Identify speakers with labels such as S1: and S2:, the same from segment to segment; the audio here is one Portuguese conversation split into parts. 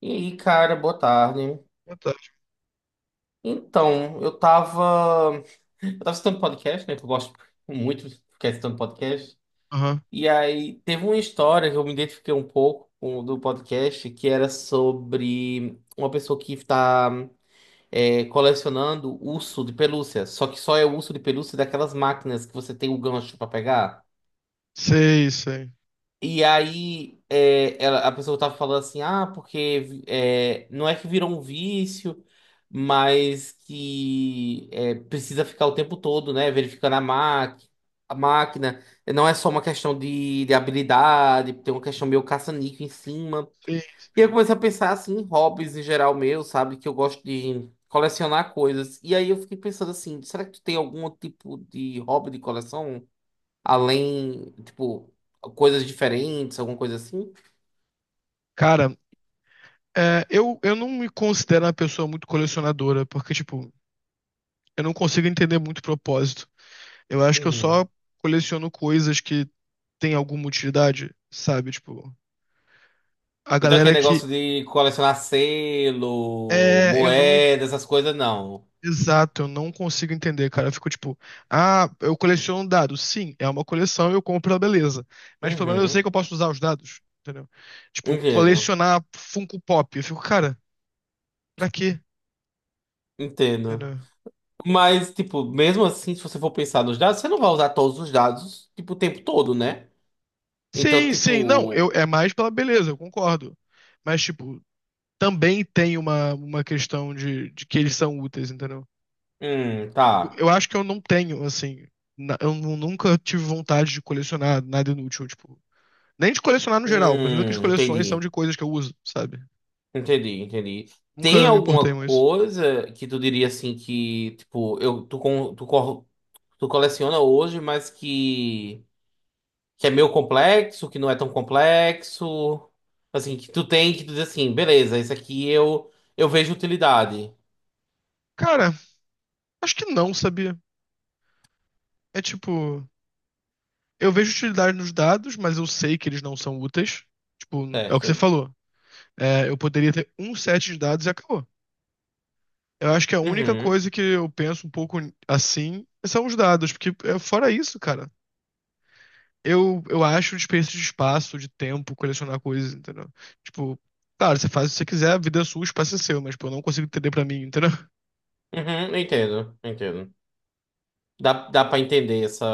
S1: E aí, cara, boa tarde.
S2: Fantástico.
S1: Então, eu tava assistindo podcast, né? Que eu gosto muito de ficar assistindo podcast.
S2: Aham.
S1: E aí, teve uma história que eu me identifiquei um pouco com, do podcast, que era sobre uma pessoa que tá colecionando urso de pelúcia. Só que só é urso de pelúcia daquelas máquinas que você tem o gancho pra pegar.
S2: Sei, sei.
S1: E aí a pessoa tava falando assim, ah, porque não é que virou um vício, mas precisa ficar o tempo todo, né, verificando a máquina. A máquina não é só uma questão de habilidade, tem uma questão meio caça-níquel em cima.
S2: Sim,
S1: E aí eu
S2: sim.
S1: comecei a pensar assim em hobbies em geral meu, sabe? Que eu gosto de colecionar coisas. E aí eu fiquei pensando assim, será que tu tem algum tipo de hobby de coleção? Além, tipo, coisas diferentes, alguma coisa assim?
S2: Cara, eu não me considero uma pessoa muito colecionadora, porque, tipo, eu não consigo entender muito o propósito. Eu acho que eu
S1: Uhum.
S2: só coleciono coisas que têm alguma utilidade, sabe? Tipo, a
S1: Então aquele
S2: galera que.
S1: negócio de colecionar selo,
S2: É, eu não.
S1: moeda, essas coisas, não.
S2: Exato, eu não consigo entender, cara. Eu fico tipo, ah, eu coleciono dados. Sim, é uma coleção, eu compro a beleza. Mas pelo menos eu sei que
S1: Uhum.
S2: eu posso usar os dados, entendeu? Tipo,
S1: Entendo.
S2: colecionar Funko Pop. Eu fico, cara. Pra quê?
S1: Entendo.
S2: Entendeu?
S1: Mas, tipo, mesmo assim, se você for pensar nos dados, você não vai usar todos os dados, tipo, o tempo todo, né? Então,
S2: Sim, sim. Não, eu,
S1: tipo.
S2: é mais pela beleza, eu concordo. Mas, tipo, também tem uma questão de que eles são úteis, entendeu?
S1: Tá.
S2: Eu acho que eu não tenho, assim. Eu nunca tive vontade de colecionar nada inútil, tipo. Nem de colecionar no geral, mas nunca as coleções são
S1: Entendi.
S2: de coisas que eu uso, sabe?
S1: Entendi, entendi. Tem
S2: Nunca me importei
S1: alguma
S2: com isso.
S1: coisa que tu diria assim que, tipo, eu, tu, con- tu, cor- tu coleciona hoje, mas que é meio complexo, que não é tão complexo, assim, que tu tem que tu diz assim, beleza, eu vejo utilidade,
S2: Cara, acho que não, sabia? É tipo. Eu vejo utilidade nos dados, mas eu sei que eles não são úteis. Tipo, é o que você
S1: certo?
S2: falou. É, eu poderia ter um set de dados e acabou. Eu acho que a única
S1: Uhum,
S2: coisa que eu penso um pouco assim são os dados, porque é, fora isso, cara, eu acho desperdício de espaço, de tempo, colecionar coisas, entendeu? Tipo, claro, você faz o que você quiser, a vida é sua, o espaço é seu, mas, pô, eu não consigo entender pra mim, entendeu?
S1: uhum, eu entendo, eu entendo. Dá pra entender essa...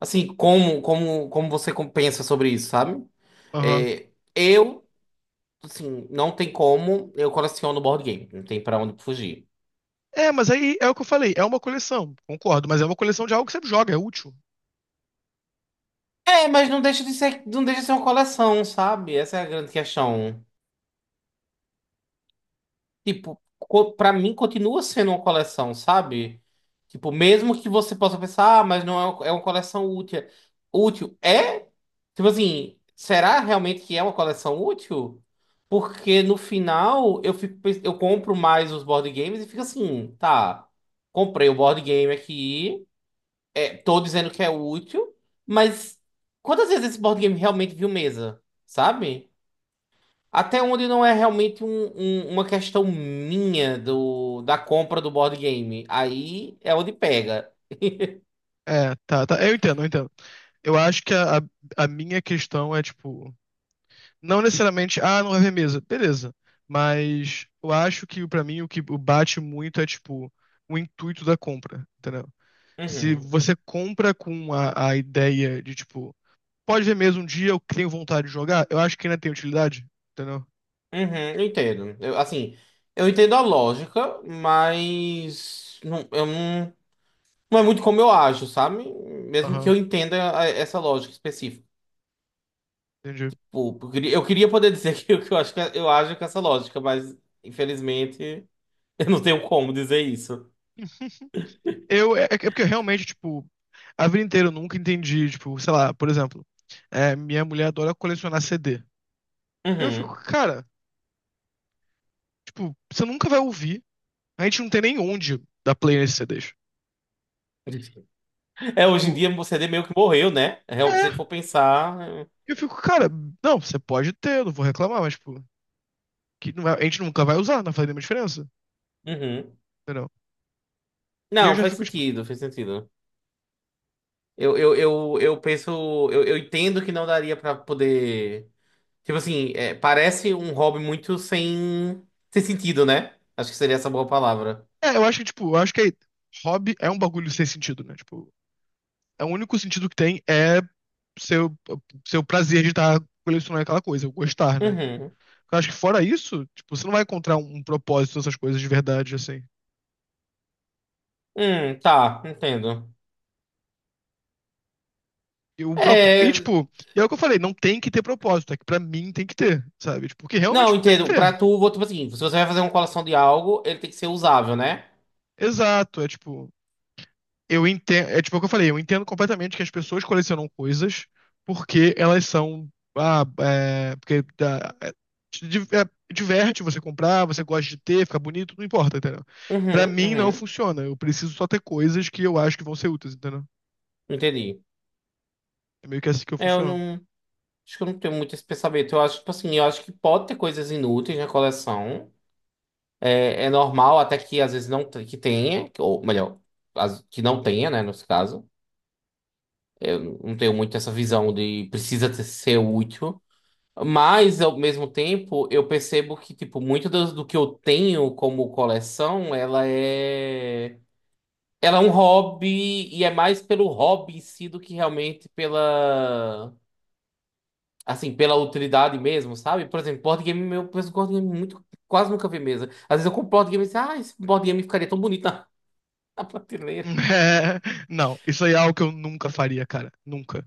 S1: Assim, como você com- pensa sobre isso, sabe?
S2: Aham.
S1: É, eu, assim, não tem como, eu coleciono board game, não tem pra onde fugir.
S2: É, mas aí é o que eu falei, é uma coleção, concordo, mas é uma coleção de algo que você joga, é útil.
S1: É, mas não deixa de ser, não deixa de ser uma coleção, sabe? Essa é a grande questão. Tipo, co- pra mim continua sendo uma coleção, sabe? Tipo, mesmo que você possa pensar, ah, mas não é uma, é uma coleção útil. Útil. É? Tipo assim, será realmente que é uma coleção útil? Porque no final eu fico, pens- eu compro mais os board games e fico assim, tá, comprei o board game aqui, é, tô dizendo que é útil, mas quantas vezes esse board game realmente viu mesa, sabe? Até onde não é realmente um- um- uma questão minha do, da compra do board game. Aí é onde pega.
S2: É, tá, tá, eu entendo, eu entendo. Eu acho que a minha questão é, tipo, não necessariamente, ah, não vai ver mesa. Beleza. Mas eu acho que pra mim o que bate muito é tipo o intuito da compra, entendeu? Se
S1: Uhum,
S2: você compra com a ideia de tipo, pode ver mesa um dia, eu tenho vontade de jogar, eu acho que ainda tem utilidade, entendeu?
S1: uhum, eu entendo. Eu, assim, eu entendo a lógica, mas não, eu não, não é muito como eu acho, sabe? Mesmo que
S2: Aham,
S1: eu entenda a- essa lógica específica.
S2: entendi.
S1: Pô, eu queria poder dizer que eu acho que eu ajo com essa lógica, mas infelizmente eu não tenho como dizer isso.
S2: Eu, é porque eu realmente, tipo, a vida inteira eu nunca entendi, tipo, sei lá, por exemplo, é, minha mulher adora colecionar CD. Eu fico,
S1: Uhum.
S2: cara, tipo, você nunca vai ouvir, a gente não tem nem onde dar play nesses CDs.
S1: É, hoje em dia
S2: Tipo,
S1: o CD meio que morreu, né? Realmente, se a gente
S2: é.
S1: for pensar. É.
S2: Eu fico, cara, não, você pode ter, eu não vou reclamar, mas, tipo, que não é- a gente nunca vai usar, não faz nenhuma diferença,
S1: Uhum.
S2: entendeu? E eu
S1: Não,
S2: já
S1: faz
S2: fico, tipo,
S1: sentido, faz sentido. Eu penso. Eu entendo que não daria pra poder. Tipo assim, é, parece um hobby muito sem sentido, né? Acho que seria essa boa palavra.
S2: é, eu acho que, tipo, eu acho que aí, hobby é um bagulho sem sentido, né? Tipo, é o único sentido que tem é seu, seu prazer de estar colecionando aquela coisa, o gostar, né?
S1: Uhum.
S2: Eu acho que fora isso, tipo, você não vai encontrar um propósito nessas coisas de verdade, assim.
S1: Tá, entendo.
S2: E, e
S1: É.
S2: tipo, e é o que eu falei, não tem que ter propósito, é que pra mim tem que ter, sabe? Tipo, porque realmente
S1: Não,
S2: não tem que
S1: entendo. Pra
S2: ter.
S1: tu, vou- tipo assim, se você vai fazer uma coleção de algo, ele tem que ser usável, né?
S2: Exato, é tipo, eu entendo, é tipo o que eu falei, eu entendo completamente que as pessoas colecionam coisas porque elas são, ah, é, porque dá- é, te di- é, diverte você comprar, você gosta de ter, fica bonito, não importa, entendeu? Pra
S1: Uhum,
S2: mim não
S1: uhum.
S2: funciona, eu preciso só ter coisas que eu acho que vão ser úteis, entendeu?
S1: Entendi.
S2: É meio que assim que eu
S1: É, Eu
S2: funciono.
S1: não. Acho que eu não tenho muito esse pensamento. Eu acho, tipo assim, eu acho que pode ter coisas inúteis na coleção. É normal até que às vezes não te- que tenha, ou melhor, as- que não tenha, né, nesse caso. Eu não tenho muito essa visão de precisa ter- ser útil. Mas, ao mesmo tempo, eu percebo que, tipo, muito do que eu tenho como coleção, ela é... Ela é um hobby e é mais pelo hobby em si do que realmente pela... Assim, pela utilidade mesmo, sabe? Por exemplo, board game, eu penso em board game muito, quase nunca vi mesa. Às vezes eu compro board game e penso, ah, esse board game ficaria tão bonito na, na prateleira.
S2: Não, isso aí é algo que eu nunca faria, cara, nunca.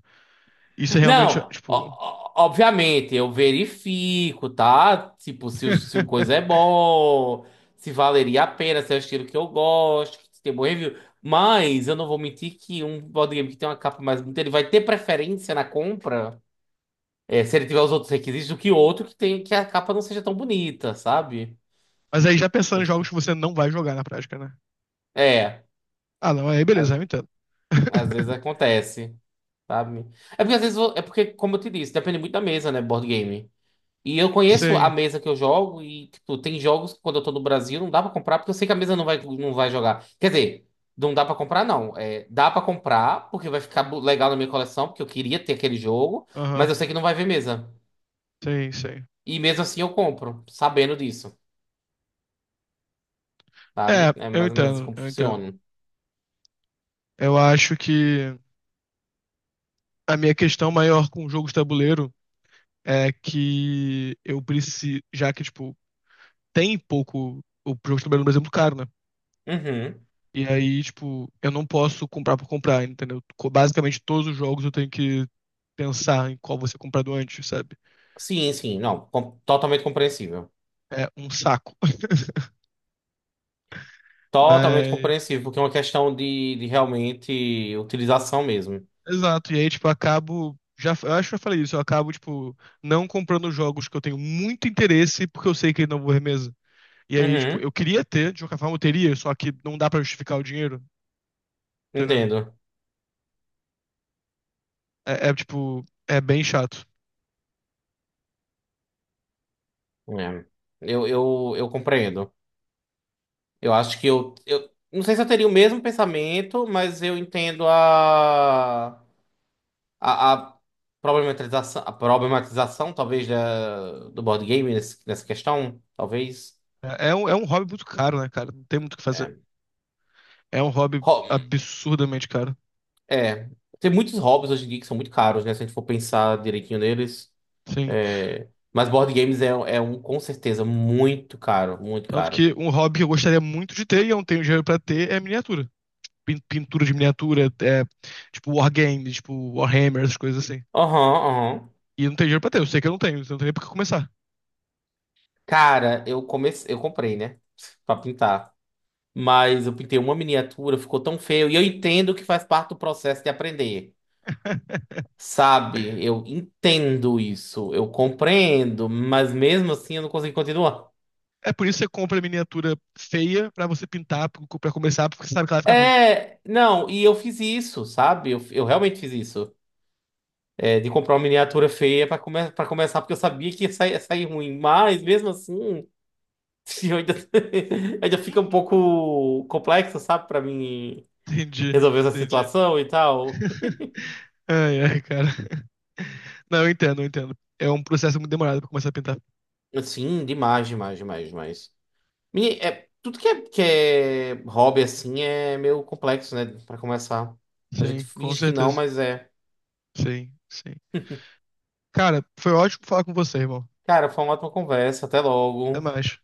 S2: Isso é realmente,
S1: Não,
S2: tipo...
S1: o- obviamente, eu verifico, tá? Tipo, se, o- se o coisa é bom, se valeria a pena, se é o estilo que eu gosto, se tem bom review. Mas eu não vou mentir que um board game que tem uma capa mais bonita, ele vai ter preferência na compra, eh, se ele tiver os outros requisitos, do que outro que tem que a capa não seja tão bonita, sabe?
S2: Mas aí já pensando em jogos que você não vai jogar na prática, né?
S1: É.
S2: Ah, não, aí beleza, eu entendo.
S1: Às vezes acontece, sabe? É porque às vezes, eu- é porque, como eu te disse, depende muito da mesa, né, board game. E eu conheço a
S2: Sim,
S1: mesa que eu jogo e, tipo, tem jogos que quando eu tô no Brasil não dá pra comprar porque eu sei que a mesa não vai jogar. Quer dizer, não dá pra comprar, não. É, dá pra comprar porque vai ficar bo- legal na minha coleção, porque eu queria ter aquele jogo, mas
S2: aham.
S1: eu sei que não vai ver mesa.
S2: Sim, sim.
S1: E mesmo assim eu compro, sabendo disso, sabe?
S2: É,
S1: É
S2: eu
S1: mais ou menos assim
S2: entendo,
S1: como
S2: eu entendo.
S1: funciona.
S2: Eu acho que a minha questão maior com jogos de tabuleiro é que eu preciso, já que, tipo, tem pouco o jogo de tabuleiro no Brasil é muito caro, né?
S1: Uhum.
S2: E aí, tipo, eu não posso comprar por comprar, entendeu? Basicamente, todos os jogos eu tenho que pensar em qual você comprado antes, sabe?
S1: Sim, não, com- totalmente compreensível.
S2: É um saco.
S1: Totalmente
S2: Mas,
S1: compreensível, porque é uma questão de realmente utilização mesmo.
S2: exato. E aí, tipo, eu acho que eu falei isso. Eu acabo, tipo, não comprando jogos que eu tenho muito interesse porque eu sei que não vou remesa. E aí, tipo, eu
S1: Uhum,
S2: queria ter, de qualquer forma eu teria, só que não dá pra justificar o dinheiro, entendeu?
S1: entendo.
S2: Tipo, é bem chato.
S1: É. Eu compreendo. Eu acho que eu, eu. Não sei se eu teria o mesmo pensamento, mas eu entendo a. A problematização, a problematização, talvez, da, do board game nesse- nessa questão. Talvez.
S2: É um hobby muito caro, né, cara? Não tem muito o que fazer.
S1: É.
S2: É um hobby
S1: Ho-
S2: absurdamente caro.
S1: é. Tem muitos hobbies hoje em dia que são muito caros, né? Se a gente for pensar direitinho neles.
S2: Sim.
S1: É, mas board games é, é um, com certeza, muito caro, muito
S2: Tanto
S1: caro.
S2: que um hobby que eu gostaria muito de ter e eu não tenho dinheiro pra ter é miniatura. Pintura de miniatura, é, tipo wargame, tipo Warhammer, essas coisas assim.
S1: Aham, aham.
S2: E eu não tenho dinheiro pra ter, eu sei que eu não tenho, então não tem nem por que começar.
S1: Cara, eu comecei, eu comprei, né? Pra pintar. Mas eu pintei uma miniatura, ficou tão feio. E eu entendo que faz parte do processo de aprender. Sabe? Eu entendo isso, eu compreendo, mas mesmo assim eu não consegui continuar.
S2: É por isso que você compra miniatura feia pra você pintar, pra começar, porque você sabe que ela vai ficar ruim.
S1: É, não, e eu fiz isso, sabe? Eu realmente fiz isso. É, de comprar uma miniatura feia pra, come pra começar, porque eu sabia que ia sair ruim. Mas mesmo assim. Sim, eu ainda, ainda fica um pouco complexo, sabe, pra mim
S2: Entendi,
S1: resolver essa
S2: entendi.
S1: situação e tal.
S2: Ai, ai, cara. Não, eu entendo, eu entendo. É um processo muito demorado pra começar a pintar.
S1: Sim, demais, demais, demais, demais. Menina, é, tudo que é hobby assim é meio complexo, né, pra começar. A gente
S2: Sim, com
S1: finge que não,
S2: certeza.
S1: mas é.
S2: Sim, sim. Cara, foi ótimo falar com você, irmão.
S1: Cara, foi uma ótima conversa, até
S2: Até
S1: logo.
S2: mais.